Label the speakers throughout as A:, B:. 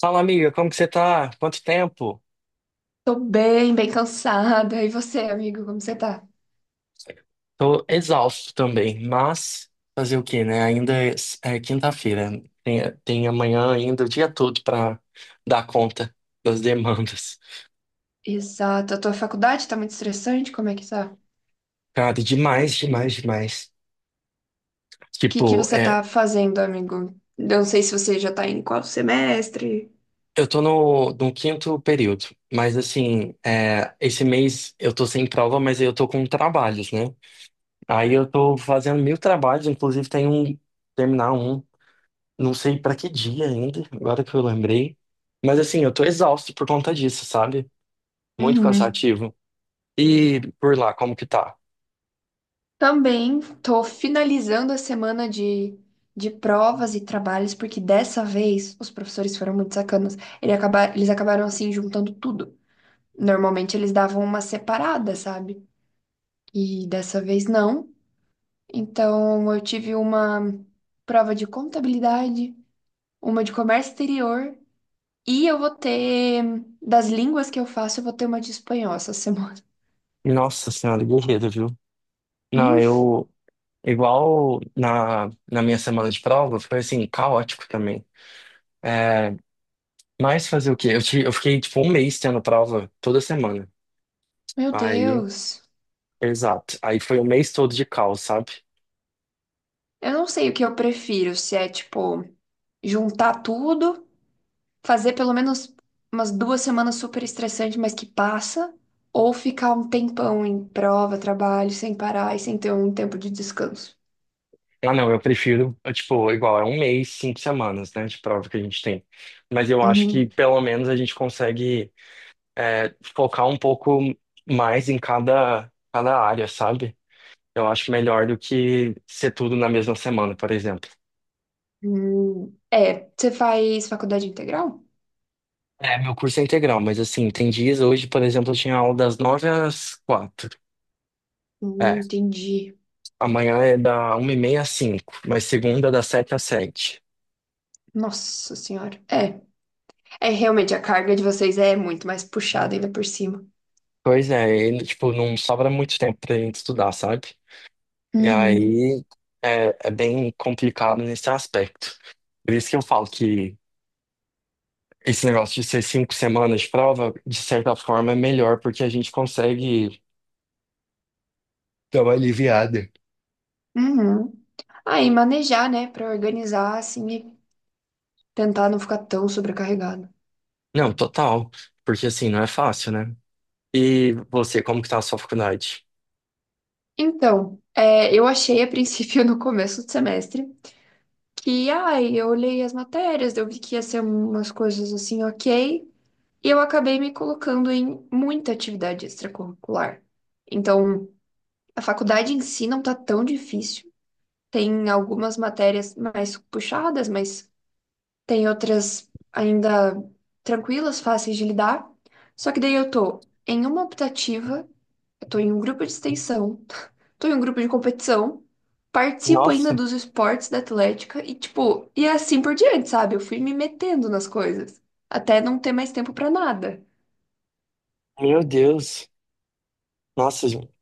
A: Fala, amiga, como que você tá? Quanto tempo?
B: Tô bem, bem cansada. E você, amigo, como você tá?
A: Tô exausto também, mas fazer o quê, né? Ainda é quinta-feira. Tem amanhã ainda o dia todo pra dar conta das demandas.
B: Exato. A tua faculdade tá muito estressante? Como é que tá?
A: Cara, demais, demais, demais.
B: O que que
A: Tipo,
B: você
A: é,
B: tá fazendo, amigo? Eu não sei se você já tá em qual semestre.
A: eu tô no quinto período, mas assim, é, esse mês eu tô sem prova, mas eu tô com trabalhos, né? Aí eu tô fazendo mil trabalhos, inclusive tem um, terminar um. Não sei pra que dia ainda, agora que eu lembrei. Mas assim, eu tô exausto por conta disso, sabe? Muito
B: Uhum.
A: cansativo. E por lá, como que tá?
B: Também tô finalizando a semana de provas e trabalhos, porque dessa vez os professores foram muito sacanas. Eles acabaram assim juntando tudo. Normalmente eles davam uma separada, sabe? E dessa vez não. Então, eu tive uma prova de contabilidade, uma de comércio exterior e eu vou ter das línguas que eu faço, eu vou ter uma de espanhol essa semana.
A: Nossa senhora, guerreiro, viu? Não,
B: Hum,
A: eu. Igual na minha semana de prova, foi assim, caótico também. É, mas fazer o quê? Eu fiquei tipo um mês tendo prova toda semana.
B: Meu
A: Aí,
B: Deus.
A: exato. Aí foi o mês todo de caos, sabe?
B: Eu não sei o que eu prefiro, se é tipo juntar tudo, fazer pelo menos umas duas semanas super estressante, mas que passa, ou ficar um tempão em prova, trabalho, sem parar e sem ter um tempo de descanso.
A: Ah, não, eu prefiro, eu, tipo, igual, é um mês, cinco semanas, né, de prova que a gente tem. Mas eu acho que
B: Uhum.
A: pelo menos a gente consegue focar um pouco mais em cada área, sabe? Eu acho melhor do que ser tudo na mesma semana, por exemplo.
B: Hum. É, você faz faculdade integral?
A: É, meu curso é integral, mas assim, tem dias, hoje, por exemplo, eu tinha aula das nove às quatro. É,
B: Entendi.
A: amanhã é da uma e meia às cinco, mas segunda das sete às sete.
B: Nossa senhora. É, realmente a carga de vocês é muito mais puxada ainda por cima.
A: Pois é, e, tipo, não sobra muito tempo pra gente estudar, sabe? E
B: Uhum.
A: aí é bem complicado nesse aspecto. Por isso que eu falo que esse negócio de ser cinco semanas de prova, de certa forma, é melhor, porque a gente consegue dar uma aliviada.
B: Uhum. Aí manejar, né, pra organizar assim e tentar não ficar tão sobrecarregado.
A: Não, total. Porque assim, não é fácil, né? E você, como que tá a sua faculdade?
B: Então, eu achei a princípio no começo do semestre que, ai, eu olhei as matérias, eu vi que ia ser umas coisas assim, ok, e eu acabei me colocando em muita atividade extracurricular. Então, a faculdade em si não tá tão difícil. Tem algumas matérias mais puxadas, mas tem outras ainda tranquilas, fáceis de lidar. Só que daí eu tô em uma optativa, eu tô em um grupo de extensão, tô em um grupo de competição, participo ainda
A: Nossa,
B: dos esportes da Atlética e, tipo, e é assim por diante, sabe? Eu fui me metendo nas coisas, até não ter mais tempo pra nada.
A: meu Deus. Nossa, gente,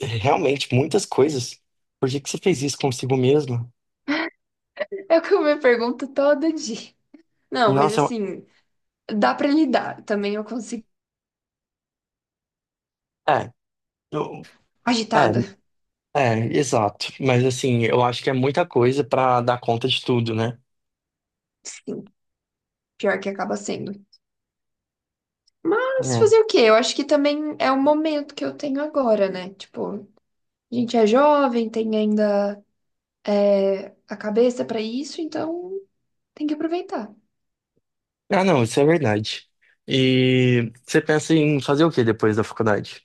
A: realmente, muitas coisas. Por que que você fez isso consigo mesmo?
B: É o que eu me pergunto todo dia. Não, mas
A: Nossa,
B: assim, dá pra lidar. Também eu consigo.
A: é, eu- é,
B: Agitada.
A: É, exato. Mas assim, eu acho que é muita coisa pra dar conta de tudo, né?
B: Sim, pior que acaba sendo. Mas
A: É.
B: fazer o quê? Eu acho que também é o momento que eu tenho agora, né? Tipo, a gente é jovem, tem ainda a cabeça pra isso, então tem que aproveitar.
A: Ah, não, isso é verdade. E você pensa em fazer o que depois da faculdade?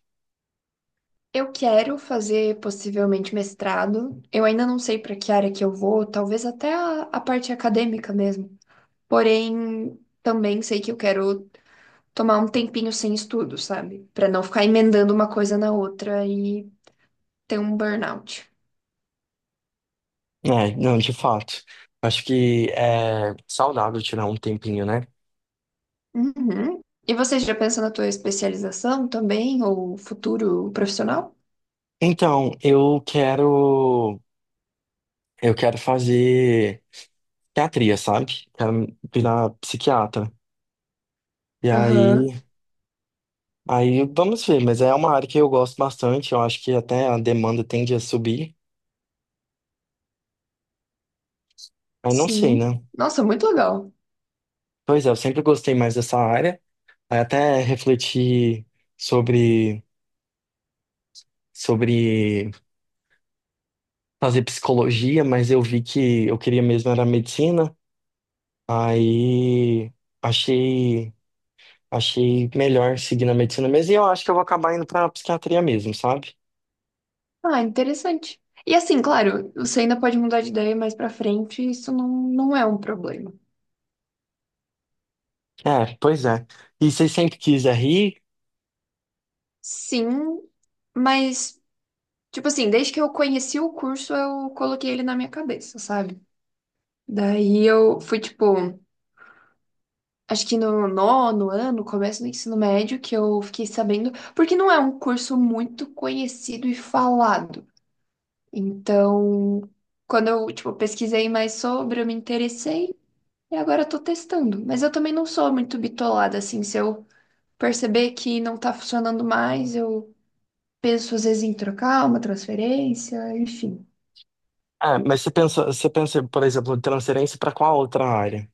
B: Eu quero fazer possivelmente mestrado. Eu ainda não sei pra que área que eu vou, talvez até a parte acadêmica mesmo. Porém, também sei que eu quero tomar um tempinho sem estudo, sabe? Pra não ficar emendando uma coisa na outra e ter um burnout.
A: É, não, de fato. Acho que é saudável tirar um tempinho, né?
B: Uhum. E você já pensa na tua especialização também, ou futuro profissional?
A: Então, eu quero fazer psiquiatria, sabe? Quero virar psiquiatra. E
B: Aham.
A: aí, aí vamos ver, mas é uma área que eu gosto bastante, eu acho que até a demanda tende a subir. Aí não sei,
B: Sim.
A: né?
B: Nossa, muito legal.
A: Pois é, eu sempre gostei mais dessa área. Aí até refleti sobre, sobre fazer psicologia, mas eu vi que eu queria mesmo era medicina. Aí achei, achei melhor seguir na medicina mesmo. E eu acho que eu vou acabar indo pra psiquiatria mesmo, sabe?
B: Ah, interessante. E assim, claro, você ainda pode mudar de ideia mais pra frente, isso não, não é um problema.
A: É, pois é. E você sempre quis rir?
B: Sim, mas, tipo assim, desde que eu conheci o curso, eu coloquei ele na minha cabeça, sabe? Daí eu fui, tipo. Acho que no nono ano, começo do ensino médio, que eu fiquei sabendo, porque não é um curso muito conhecido e falado. Então, quando eu, tipo, pesquisei mais sobre, eu me interessei e agora eu tô testando. Mas eu também não sou muito bitolada, assim, se eu perceber que não tá funcionando mais, eu penso às vezes em trocar uma transferência, enfim.
A: É, mas você pensa, por exemplo, transferência para qual outra área?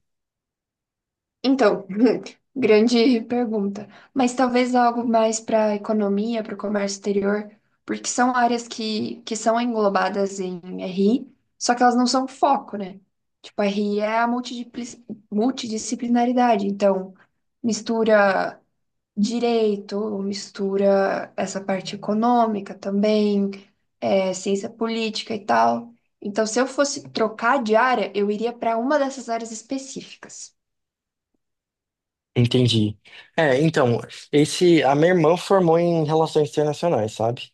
B: Então, grande pergunta. Mas talvez algo mais para a economia, para o comércio exterior, porque são áreas que são englobadas em RI, só que elas não são foco, né? Tipo, RI é a multidisciplinaridade. Então, mistura direito, mistura essa parte econômica também, ciência política e tal. Então, se eu fosse trocar de área, eu iria para uma dessas áreas específicas.
A: Entendi. É, então, esse, a minha irmã formou em relações internacionais, sabe?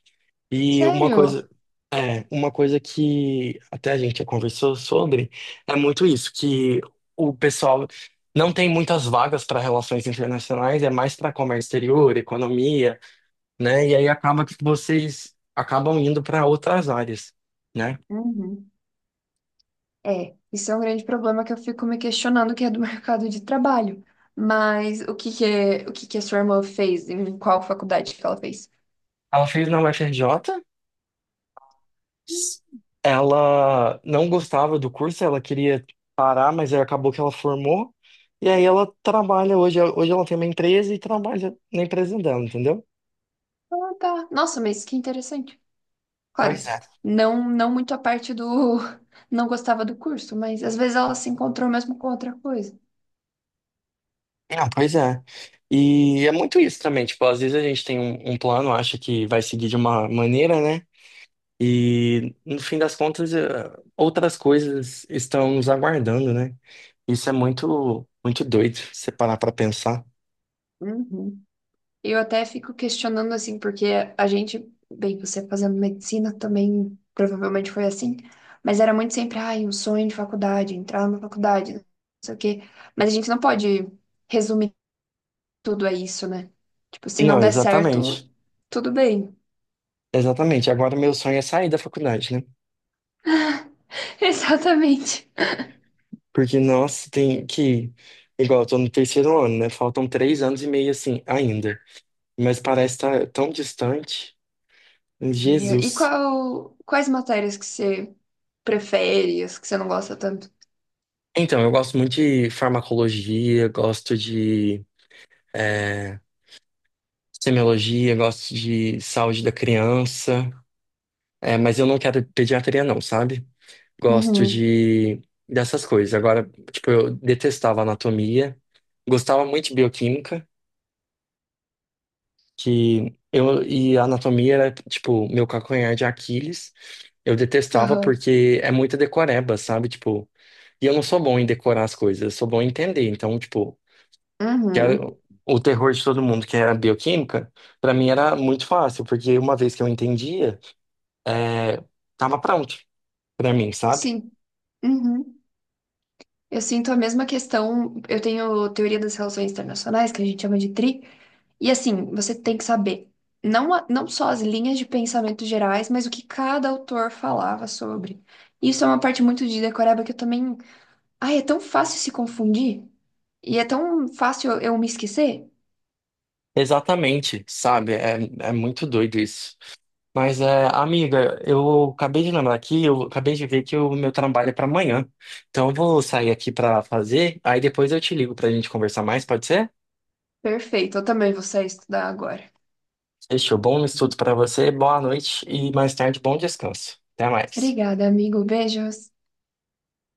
A: E uma
B: Sério?
A: coisa, é, uma coisa que até a gente já conversou sobre é muito isso, que o pessoal não tem muitas vagas para relações internacionais, é mais para comércio exterior, economia, né? E aí acaba que vocês acabam indo para outras áreas, né?
B: Uhum. É, isso é um grande problema que eu fico me questionando, que é do mercado de trabalho. Mas o que que a sua irmã fez? Em qual faculdade que ela fez?
A: Ela fez na UFRJ, s- ela não gostava do curso, ela queria parar, mas aí acabou que ela formou. E aí ela trabalha hoje, hoje ela tem uma empresa e trabalha na empresa dela, entendeu?
B: Ah, tá. Nossa, mas que interessante.
A: Pois
B: Claro,
A: é.
B: não, não muito a parte do não gostava do curso, mas às vezes ela se encontrou mesmo com outra coisa.
A: Não, pois é. E é muito isso também, tipo, às vezes a gente tem um plano, acha que vai seguir de uma maneira, né? E no fim das contas, outras coisas estão nos aguardando, né? Isso é muito, muito doido, se você parar pra pensar.
B: Uhum. Eu até fico questionando assim, porque a gente, bem, você fazendo medicina também provavelmente foi assim, mas era muito sempre, ai, um sonho de faculdade, entrar na faculdade, não sei o quê. Mas a gente não pode resumir tudo a isso, né? Tipo, se não
A: Não,
B: der
A: exatamente.
B: certo, tudo bem.
A: Exatamente. Agora meu sonho é sair da faculdade, né?
B: Exatamente.
A: Porque, nossa, tem que. Igual, eu tô no terceiro ano, né? Faltam três anos e meio assim, ainda. Mas parece estar tão distante.
B: E
A: Jesus.
B: quais matérias que você prefere, as que você não gosta tanto?
A: Então, eu gosto muito de farmacologia, gosto de é, semiologia, gosto de saúde da criança, é, mas eu não quero pediatria não, sabe? Gosto
B: Uhum.
A: de dessas coisas. Agora, tipo, eu detestava anatomia, gostava muito de bioquímica, que eu e a anatomia era tipo meu calcanhar de Aquiles. Eu detestava
B: Aham.
A: porque é muita decoreba, sabe? Tipo, e eu não sou bom em decorar as coisas, eu sou bom em entender. Então, tipo, que era
B: Uhum.
A: o terror de todo mundo, que era a bioquímica, pra mim era muito fácil, porque uma vez que eu entendia, é, tava pronto pra mim, sabe?
B: Sim. Uhum. Eu sinto a mesma questão. Eu tenho teoria das relações internacionais, que a gente chama de TRI, e assim, você tem que saber não, não só as linhas de pensamento gerais, mas o que cada autor falava sobre. Isso é uma parte muito de decoreba que eu também. Ai, é tão fácil se confundir e é tão fácil eu me esquecer.
A: Exatamente, sabe? É, é muito doido isso. Mas, é, amiga, eu acabei de lembrar aqui, eu acabei de ver que o meu trabalho é pra amanhã. Então, eu vou sair aqui pra fazer, aí depois eu te ligo pra gente conversar mais, pode ser?
B: Perfeito, eu também vou sair estudar agora.
A: Fechou. Bom estudo pra você, boa noite e mais tarde, bom descanso. Até mais.
B: Obrigada, amigo. Beijos.